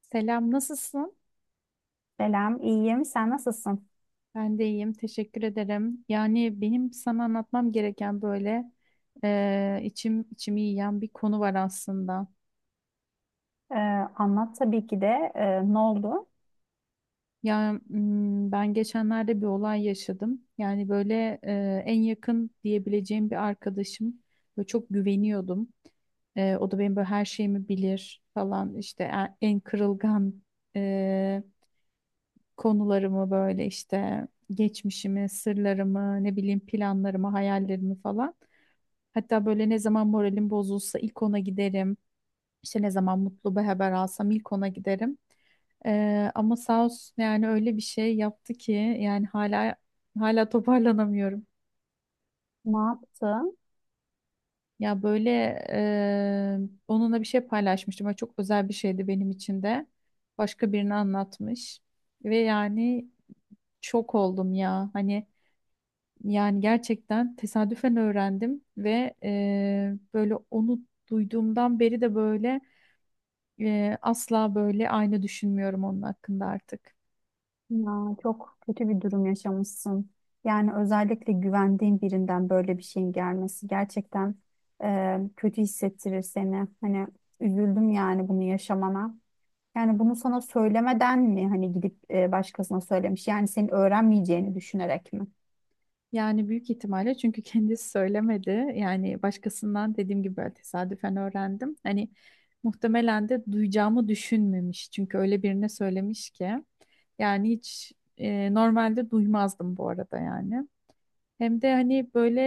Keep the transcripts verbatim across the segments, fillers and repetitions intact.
Selam, nasılsın? Selam, iyiyim. Sen nasılsın? Ben de iyiyim, teşekkür ederim. Yani benim sana anlatmam gereken böyle eee, içim içimi yiyen bir konu var aslında. Ee, Anlat tabii ki de. Ee, ne oldu? Ya mm, ben geçenlerde bir olay yaşadım. Yani böyle eee, en yakın diyebileceğim bir arkadaşım. Böyle çok güveniyordum. Eee, o da benim böyle her şeyimi bilir falan işte en, en kırılgan eee, konularımı böyle işte geçmişimi, sırlarımı, ne bileyim planlarımı, hayallerimi falan. Hatta böyle ne zaman moralim bozulsa ilk ona giderim. İşte ne zaman mutlu bir haber alsam ilk ona giderim. Ee, ama sağ olsun yani öyle bir şey yaptı ki yani hala hala toparlanamıyorum. Ne yaptın? Ya böyle e, onunla bir şey paylaşmıştım. Böyle çok özel bir şeydi benim için de. Başka birine anlatmış. Ve yani şok oldum ya. Hani yani gerçekten tesadüfen öğrendim ve e, böyle onu duyduğumdan beri de böyle Eee, asla böyle aynı düşünmüyorum onun hakkında artık. Ya, çok kötü bir durum yaşamışsın. Yani özellikle güvendiğin birinden böyle bir şeyin gelmesi gerçekten e, kötü hissettirir seni. Hani üzüldüm yani bunu yaşamana. Yani bunu sana söylemeden mi hani gidip e, başkasına söylemiş? Yani senin öğrenmeyeceğini düşünerek mi? Yani büyük ihtimalle çünkü kendisi söylemedi. Yani başkasından dediğim gibi böyle tesadüfen öğrendim. Hani muhtemelen de duyacağımı düşünmemiş. Çünkü öyle birine söylemiş ki. Yani hiç e, normalde duymazdım bu arada yani. Hem de hani böyle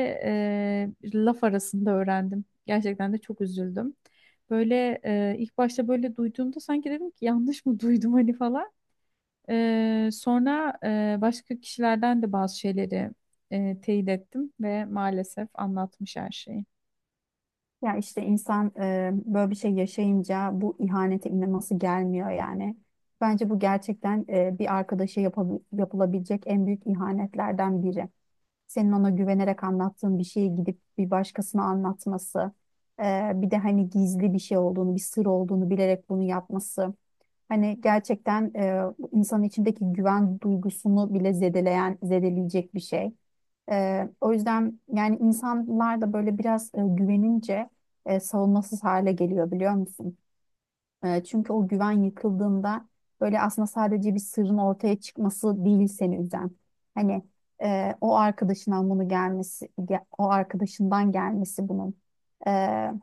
e, laf arasında öğrendim. Gerçekten de çok üzüldüm. Böyle e, ilk başta böyle duyduğumda sanki dedim ki yanlış mı duydum hani falan. Ee, sonra e, başka kişilerden de bazı şeyleri e, teyit ettim ve maalesef anlatmış her şeyi. Ya işte insan e, böyle bir şey yaşayınca bu ihanete inanması gelmiyor yani. Bence bu gerçekten e, bir arkadaşa yapabil- yapılabilecek en büyük ihanetlerden biri. Senin ona güvenerek anlattığın bir şeyi gidip bir başkasına anlatması, e, bir de hani gizli bir şey olduğunu, bir sır olduğunu bilerek bunu yapması, hani gerçekten e, insanın içindeki güven duygusunu bile zedeleyen, zedeleyecek bir şey. E, o yüzden yani insanlar da böyle biraz e, güvenince e, savunmasız hale geliyor biliyor musun? E, çünkü o güven yıkıldığında böyle aslında sadece bir sırrın ortaya çıkması değil seni üzen. Hani e, o arkadaşından bunu gelmesi, ge- o arkadaşından gelmesi bunun. E,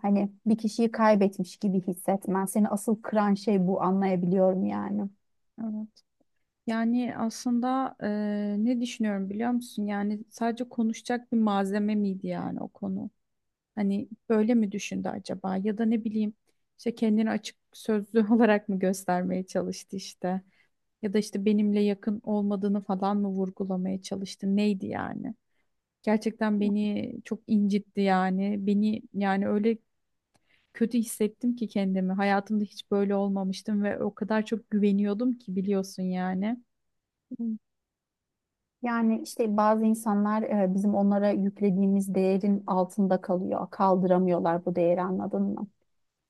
Hani bir kişiyi kaybetmiş gibi hissetmen. Seni asıl kıran şey bu, anlayabiliyorum yani. Evet. Yani aslında e, ne düşünüyorum biliyor musun? Yani sadece konuşacak bir malzeme miydi yani o konu? Hani böyle mi düşündü acaba? Ya da ne bileyim işte kendini açık sözlü olarak mı göstermeye çalıştı işte? Ya da işte benimle yakın olmadığını falan mı vurgulamaya çalıştı? Neydi yani? Gerçekten beni çok incitti yani. Beni yani öyle kötü hissettim ki kendimi. Hayatımda hiç böyle olmamıştım ve o kadar çok güveniyordum ki biliyorsun yani. Hı. Yani işte bazı insanlar e, bizim onlara yüklediğimiz değerin altında kalıyor. Kaldıramıyorlar bu değeri, anladın mı?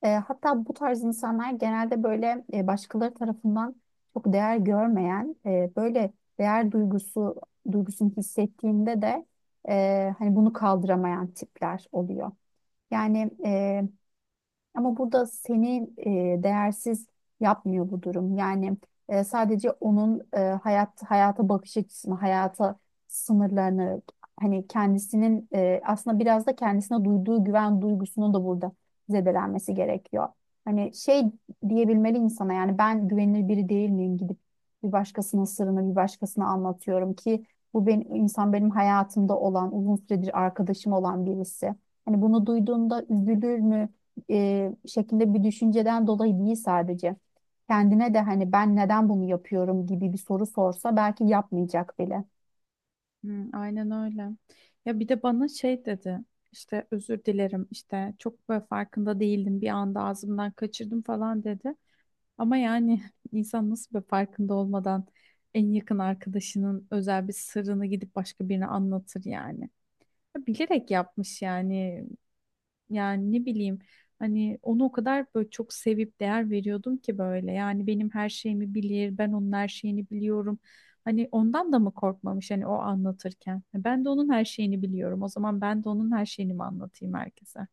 E, hatta bu tarz insanlar genelde böyle e, başkaları tarafından çok değer görmeyen, e, böyle değer duygusu duygusunu hissettiğinde de e, hani bunu kaldıramayan tipler oluyor. Yani ama burada seni e, değersiz yapmıyor bu durum. Yani e, sadece onun, e, hayat hayata bakış açısını, hayata sınırlarını, hani kendisinin e, aslında biraz da kendisine duyduğu güven duygusunu da burada zedelenmesi gerekiyor. Hani şey diyebilmeli insana, yani ben güvenilir biri değil miyim gidip bir başkasının sırrını bir başkasına anlatıyorum ki bu benim insan benim hayatımda olan uzun süredir arkadaşım olan birisi. Hani bunu duyduğunda üzülür mü? e, şeklinde bir düşünceden dolayı değil sadece. Kendine de hani ben neden bunu yapıyorum gibi bir soru sorsa belki yapmayacak bile. Hmm, aynen öyle. Ya bir de bana şey dedi. İşte özür dilerim işte çok böyle farkında değildim bir anda ağzımdan kaçırdım falan dedi. Ama yani insan nasıl böyle farkında olmadan en yakın arkadaşının özel bir sırrını gidip başka birine anlatır yani. Ya bilerek yapmış yani. Yani ne bileyim hani onu o kadar böyle çok sevip değer veriyordum ki böyle. Yani benim her şeyimi bilir, ben onun her şeyini biliyorum. Hani ondan da mı korkmamış hani o anlatırken? E, Ben de onun her şeyini biliyorum. O zaman ben de onun her şeyini mi anlatayım herkese?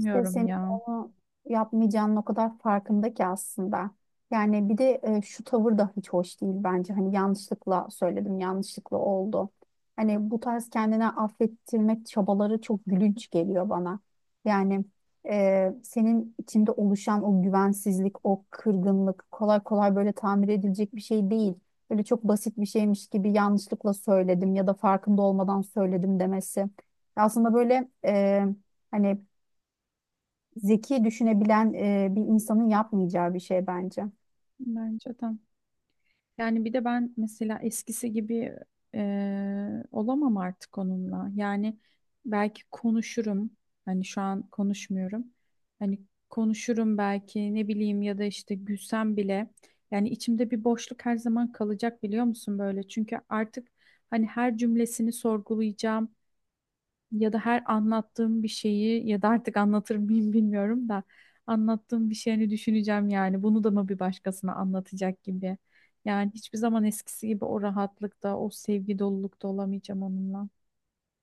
İşte senin ya. onu yapmayacağının o kadar farkında ki aslında. Yani bir de e, şu tavır da hiç hoş değil bence. Hani yanlışlıkla söyledim, yanlışlıkla oldu. Hani bu tarz kendine affettirmek çabaları çok gülünç geliyor bana. Yani e, senin içinde oluşan o güvensizlik, o kırgınlık kolay kolay böyle tamir edilecek bir şey değil. Böyle çok basit bir şeymiş gibi yanlışlıkla söyledim ya da farkında olmadan söyledim demesi. Aslında böyle... E, hani zeki düşünebilen e, bir insanın yapmayacağı bir şey bence. Bence de. Yani bir de ben mesela eskisi gibi e, olamam artık onunla. Yani belki konuşurum. Hani şu an konuşmuyorum. Hani konuşurum belki ne bileyim ya da işte gülsem bile. Yani içimde bir boşluk her zaman kalacak biliyor musun böyle? Çünkü artık hani her cümlesini sorgulayacağım ya da her anlattığım bir şeyi ya da artık anlatır mıyım bilmiyorum da anlattığım bir şeyini düşüneceğim yani bunu da mı bir başkasına anlatacak gibi. Yani hiçbir zaman eskisi gibi o rahatlıkta, o sevgi dolulukta olamayacağım onunla.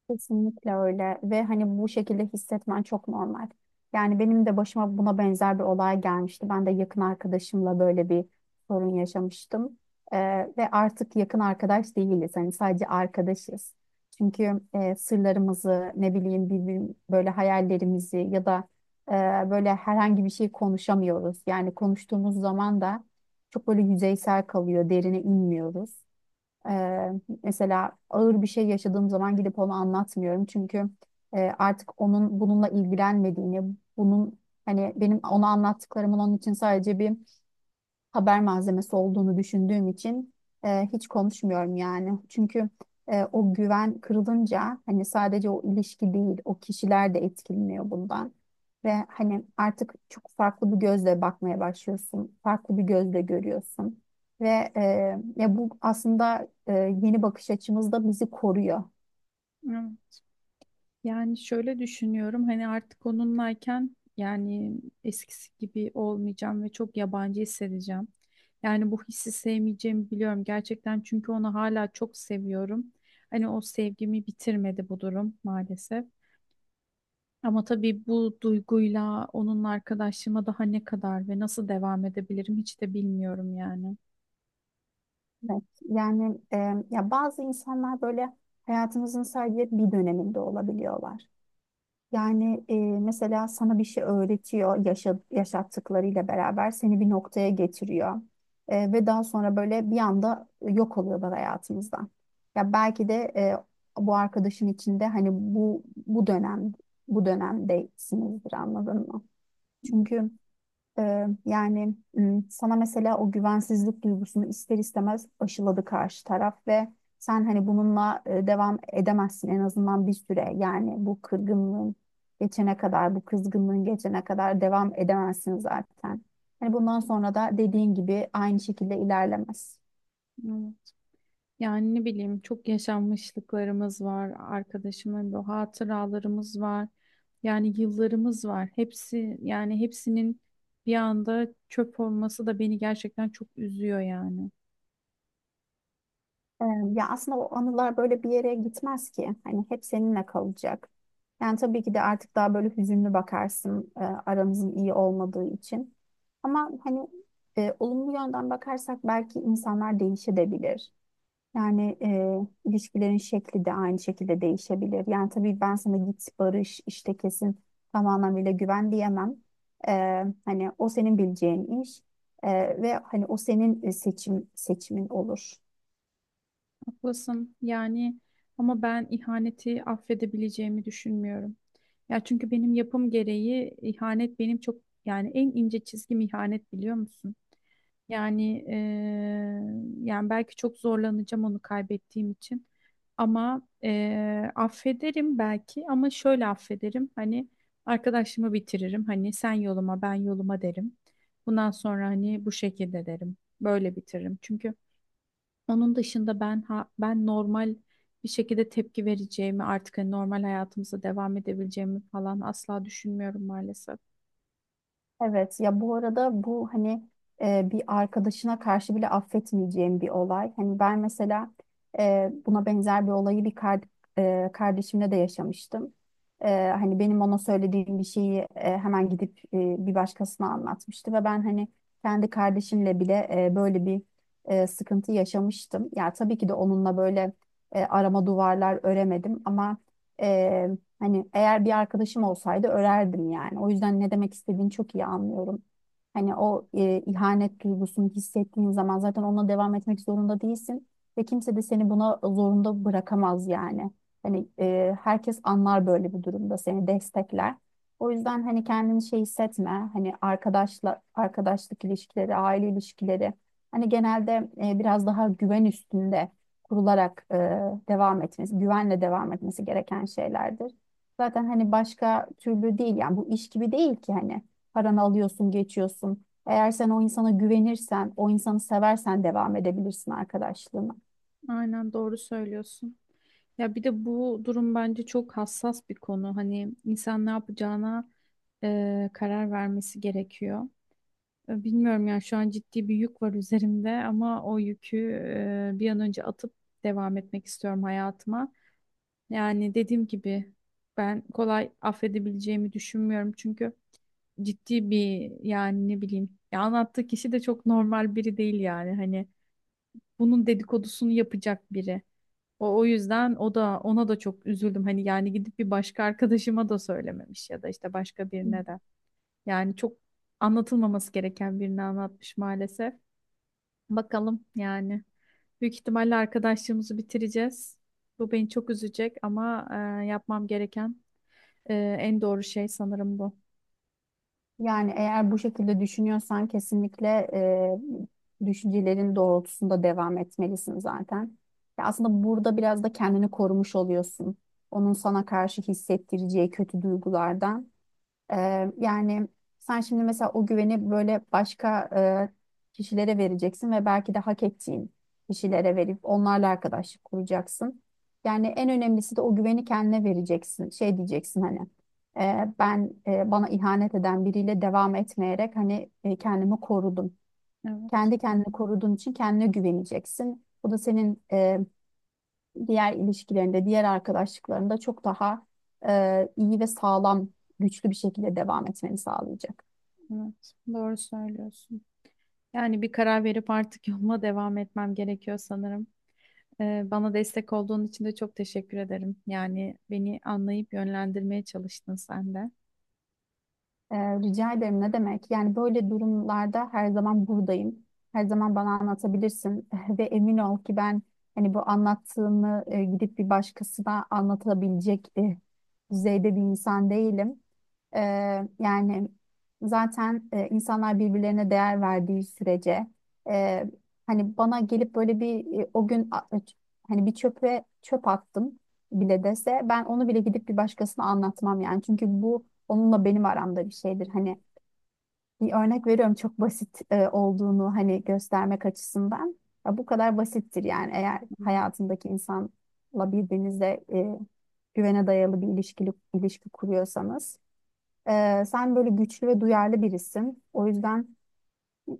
Kesinlikle öyle, ve hani bu şekilde hissetmen çok normal. Yani benim de başıma buna benzer bir olay gelmişti. Ben de yakın arkadaşımla böyle bir sorun yaşamıştım. Ee, Ve artık yakın arkadaş değiliz. Hani sadece arkadaşız. Çünkü e, sırlarımızı ne bileyim birbirim, böyle hayallerimizi ya da e, böyle herhangi bir şey konuşamıyoruz. Yani konuştuğumuz zaman da çok böyle yüzeysel kalıyor, derine inmiyoruz. Eee, Mesela ağır bir şey yaşadığım zaman gidip onu anlatmıyorum. Çünkü eee, artık onun bununla ilgilenmediğini, bunun hani benim ona anlattıklarımın onun için sadece bir haber malzemesi olduğunu düşündüğüm için eee, hiç konuşmuyorum yani. Çünkü eee, o güven kırılınca hani sadece o ilişki değil, o kişiler de etkileniyor bundan. Ve hani artık çok farklı bir gözle bakmaya başlıyorsun. Farklı bir gözle görüyorsun. Ve e, ya bu aslında e, yeni bakış açımızda bizi koruyor. Evet. Yani şöyle düşünüyorum hani artık onunlayken yani eskisi gibi olmayacağım ve çok yabancı hissedeceğim. Yani bu hissi sevmeyeceğimi biliyorum gerçekten çünkü onu hala çok seviyorum. Hani o sevgimi bitirmedi bu durum maalesef. Ama tabii bu duyguyla onunla arkadaşlığıma daha ne kadar ve nasıl devam edebilirim hiç de bilmiyorum yani. Evet, yani e, ya bazı insanlar böyle hayatımızın sadece bir döneminde olabiliyorlar. Yani e, mesela sana bir şey öğretiyor, yaşa- yaşattıklarıyla beraber seni bir noktaya getiriyor. E, ve daha sonra böyle bir anda yok oluyorlar hayatımızdan. Ya belki de e, bu arkadaşın içinde hani bu bu dönem bu dönemdesinizdir, anladın mı? Hmm, Çünkü ee, yani m, sana mesela o güvensizlik duygusunu ister istemez aşıladı karşı taraf ve sen hani bununla e, devam edemezsin en azından bir süre. Yani bu kırgınlığın geçene kadar, bu kızgınlığın geçene kadar devam edemezsin zaten. Hani bundan sonra da dediğin gibi aynı şekilde ilerlemez. evet. Yani ne bileyim çok yaşanmışlıklarımız var, arkadaşımın bu hatıralarımız var. Yani yıllarımız var. Hepsi yani hepsinin bir anda çöp olması da beni gerçekten çok üzüyor yani. Ee, Ya aslında o anılar böyle bir yere gitmez ki. Hani hep seninle kalacak. Yani tabii ki de artık daha böyle hüzünlü bakarsın, e, aranızın iyi olmadığı için. Ama hani e, olumlu yönden bakarsak belki insanlar değişebilir. Yani e, ilişkilerin şekli de aynı şekilde değişebilir. Yani tabii ben sana git barış işte kesin tam anlamıyla güven diyemem. Ee, hani o senin bileceğin iş. Ee, ve hani o senin e, seçim seçimin olur. Haklısın yani ama ben ihaneti affedebileceğimi düşünmüyorum. Ya çünkü benim yapım gereği ihanet benim çok yani en ince çizgim ihanet biliyor musun? Yani eee, yani belki çok zorlanacağım onu kaybettiğim için ama eee, affederim belki ama şöyle affederim hani arkadaşımı bitiririm hani sen yoluma ben yoluma derim. Bundan sonra hani bu şekilde derim böyle bitiririm çünkü. Onun dışında ben ha, ben normal bir şekilde tepki vereceğimi artık hani normal hayatımıza devam edebileceğimi falan asla düşünmüyorum maalesef. Evet, ya bu arada bu hani e, bir arkadaşına karşı bile affetmeyeceğim bir olay. Hani ben mesela e, buna benzer bir olayı bir kar- e, kardeşimle de yaşamıştım. E, hani benim ona söylediğim bir şeyi e, hemen gidip e, bir başkasına anlatmıştı ve ben hani kendi kardeşimle bile e, böyle bir e, sıkıntı yaşamıştım. Ya tabii ki de onunla böyle e, arama duvarlar öremedim ama hani eğer bir arkadaşım olsaydı örerdim yani. O yüzden ne demek istediğini çok iyi anlıyorum. Hani o e, ihanet duygusunu hissettiğin zaman zaten onunla devam etmek zorunda değilsin ve kimse de seni buna zorunda bırakamaz yani. Hani e, herkes anlar, böyle bir durumda seni destekler. O yüzden hani kendini şey hissetme. Hani arkadaşla arkadaşlık ilişkileri, aile ilişkileri hani genelde e, biraz daha güven üstünde kurularak e, devam etmesi, güvenle devam etmesi gereken şeylerdir. Zaten hani başka türlü değil yani, bu iş gibi değil ki hani paranı alıyorsun geçiyorsun. Eğer sen o insana güvenirsen, o insanı seversen devam edebilirsin arkadaşlığına. Aynen doğru söylüyorsun. Ya bir de bu durum bence çok hassas bir konu. Hani insan ne yapacağına e, karar vermesi gerekiyor. E, Bilmiyorum yani şu an ciddi bir yük var üzerimde ama o yükü e, bir an önce atıp devam etmek istiyorum hayatıma. Yani dediğim gibi ben kolay affedebileceğimi düşünmüyorum çünkü ciddi bir yani ne bileyim ya anlattığı kişi de çok normal biri değil yani hani bunun dedikodusunu yapacak biri. O, o yüzden o da ona da çok üzüldüm. Hani yani gidip bir başka arkadaşıma da söylememiş ya da işte başka Hı. birine de. Yani çok anlatılmaması gereken birini anlatmış maalesef. Bakalım yani. Büyük ihtimalle arkadaşlığımızı bitireceğiz. Bu beni çok üzecek ama e, yapmam gereken e, en doğru şey sanırım bu. Yani eğer bu şekilde düşünüyorsan kesinlikle e, düşüncelerin doğrultusunda devam etmelisin zaten. Ya aslında burada biraz da kendini korumuş oluyorsun. Onun sana karşı hissettireceği kötü duygulardan. Ee, yani sen şimdi mesela o güveni böyle başka e, kişilere vereceksin ve belki de hak ettiğin kişilere verip onlarla arkadaşlık kuracaksın. Yani en önemlisi de o güveni kendine vereceksin. Şey diyeceksin hani e, ben e, bana ihanet eden biriyle devam etmeyerek hani e, kendimi korudum. Evet, Kendi kendini koruduğun için kendine güveneceksin. Bu da senin diğer ilişkilerinde, diğer arkadaşlıklarında çok daha e, iyi ve sağlam, güçlü bir şekilde devam etmeni sağlayacak. evet. Doğru söylüyorsun. Yani bir karar verip artık yoluma devam etmem gerekiyor sanırım. Ee, bana destek olduğun için de çok teşekkür ederim. Yani beni anlayıp yönlendirmeye çalıştın sen de. E, rica ederim, ne demek? Yani böyle durumlarda her zaman buradayım. Her zaman bana anlatabilirsin ve emin ol ki ben hani bu anlattığını e, gidip bir başkasına anlatabilecek e, düzeyde bir insan değilim. Ee, Yani zaten e, insanlar birbirlerine değer verdiği sürece e, hani bana gelip böyle bir e, o gün a- hani bir çöpe çöp attım bile dese ben onu bile gidip bir başkasına anlatmam yani. Çünkü bu onunla benim aramda bir şeydir. Hani bir örnek veriyorum, çok basit e, olduğunu hani göstermek açısından. Ya bu kadar basittir yani, eğer Hmm. hayatındaki insanla birbirinize e, güvene dayalı bir ilişki, ilişki kuruyorsanız. Ee, sen böyle güçlü ve duyarlı birisin. O yüzden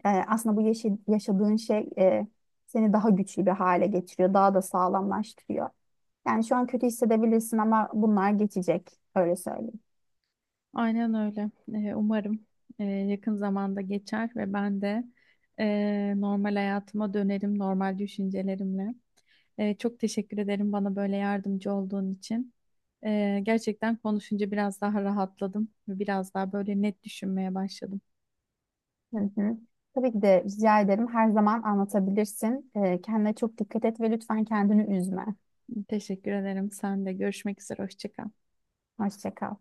e, aslında bu yaşı- yaşadığın şey e, seni daha güçlü bir hale getiriyor, daha da sağlamlaştırıyor. Yani şu an kötü hissedebilirsin ama bunlar geçecek, öyle söyleyeyim. Aynen öyle. Ee, umarım e, yakın zamanda geçer ve ben de e, normal hayatıma dönerim, normal düşüncelerimle. E, çok teşekkür ederim bana böyle yardımcı olduğun için. E, gerçekten konuşunca biraz daha rahatladım ve biraz daha böyle net düşünmeye başladım. Hı hı. Tabii ki de rica ederim. Her zaman anlatabilirsin. Ee, kendine çok dikkat et ve lütfen kendini üzme. Teşekkür ederim. Sen de görüşmek üzere. Hoşça kal. Hoşça kal.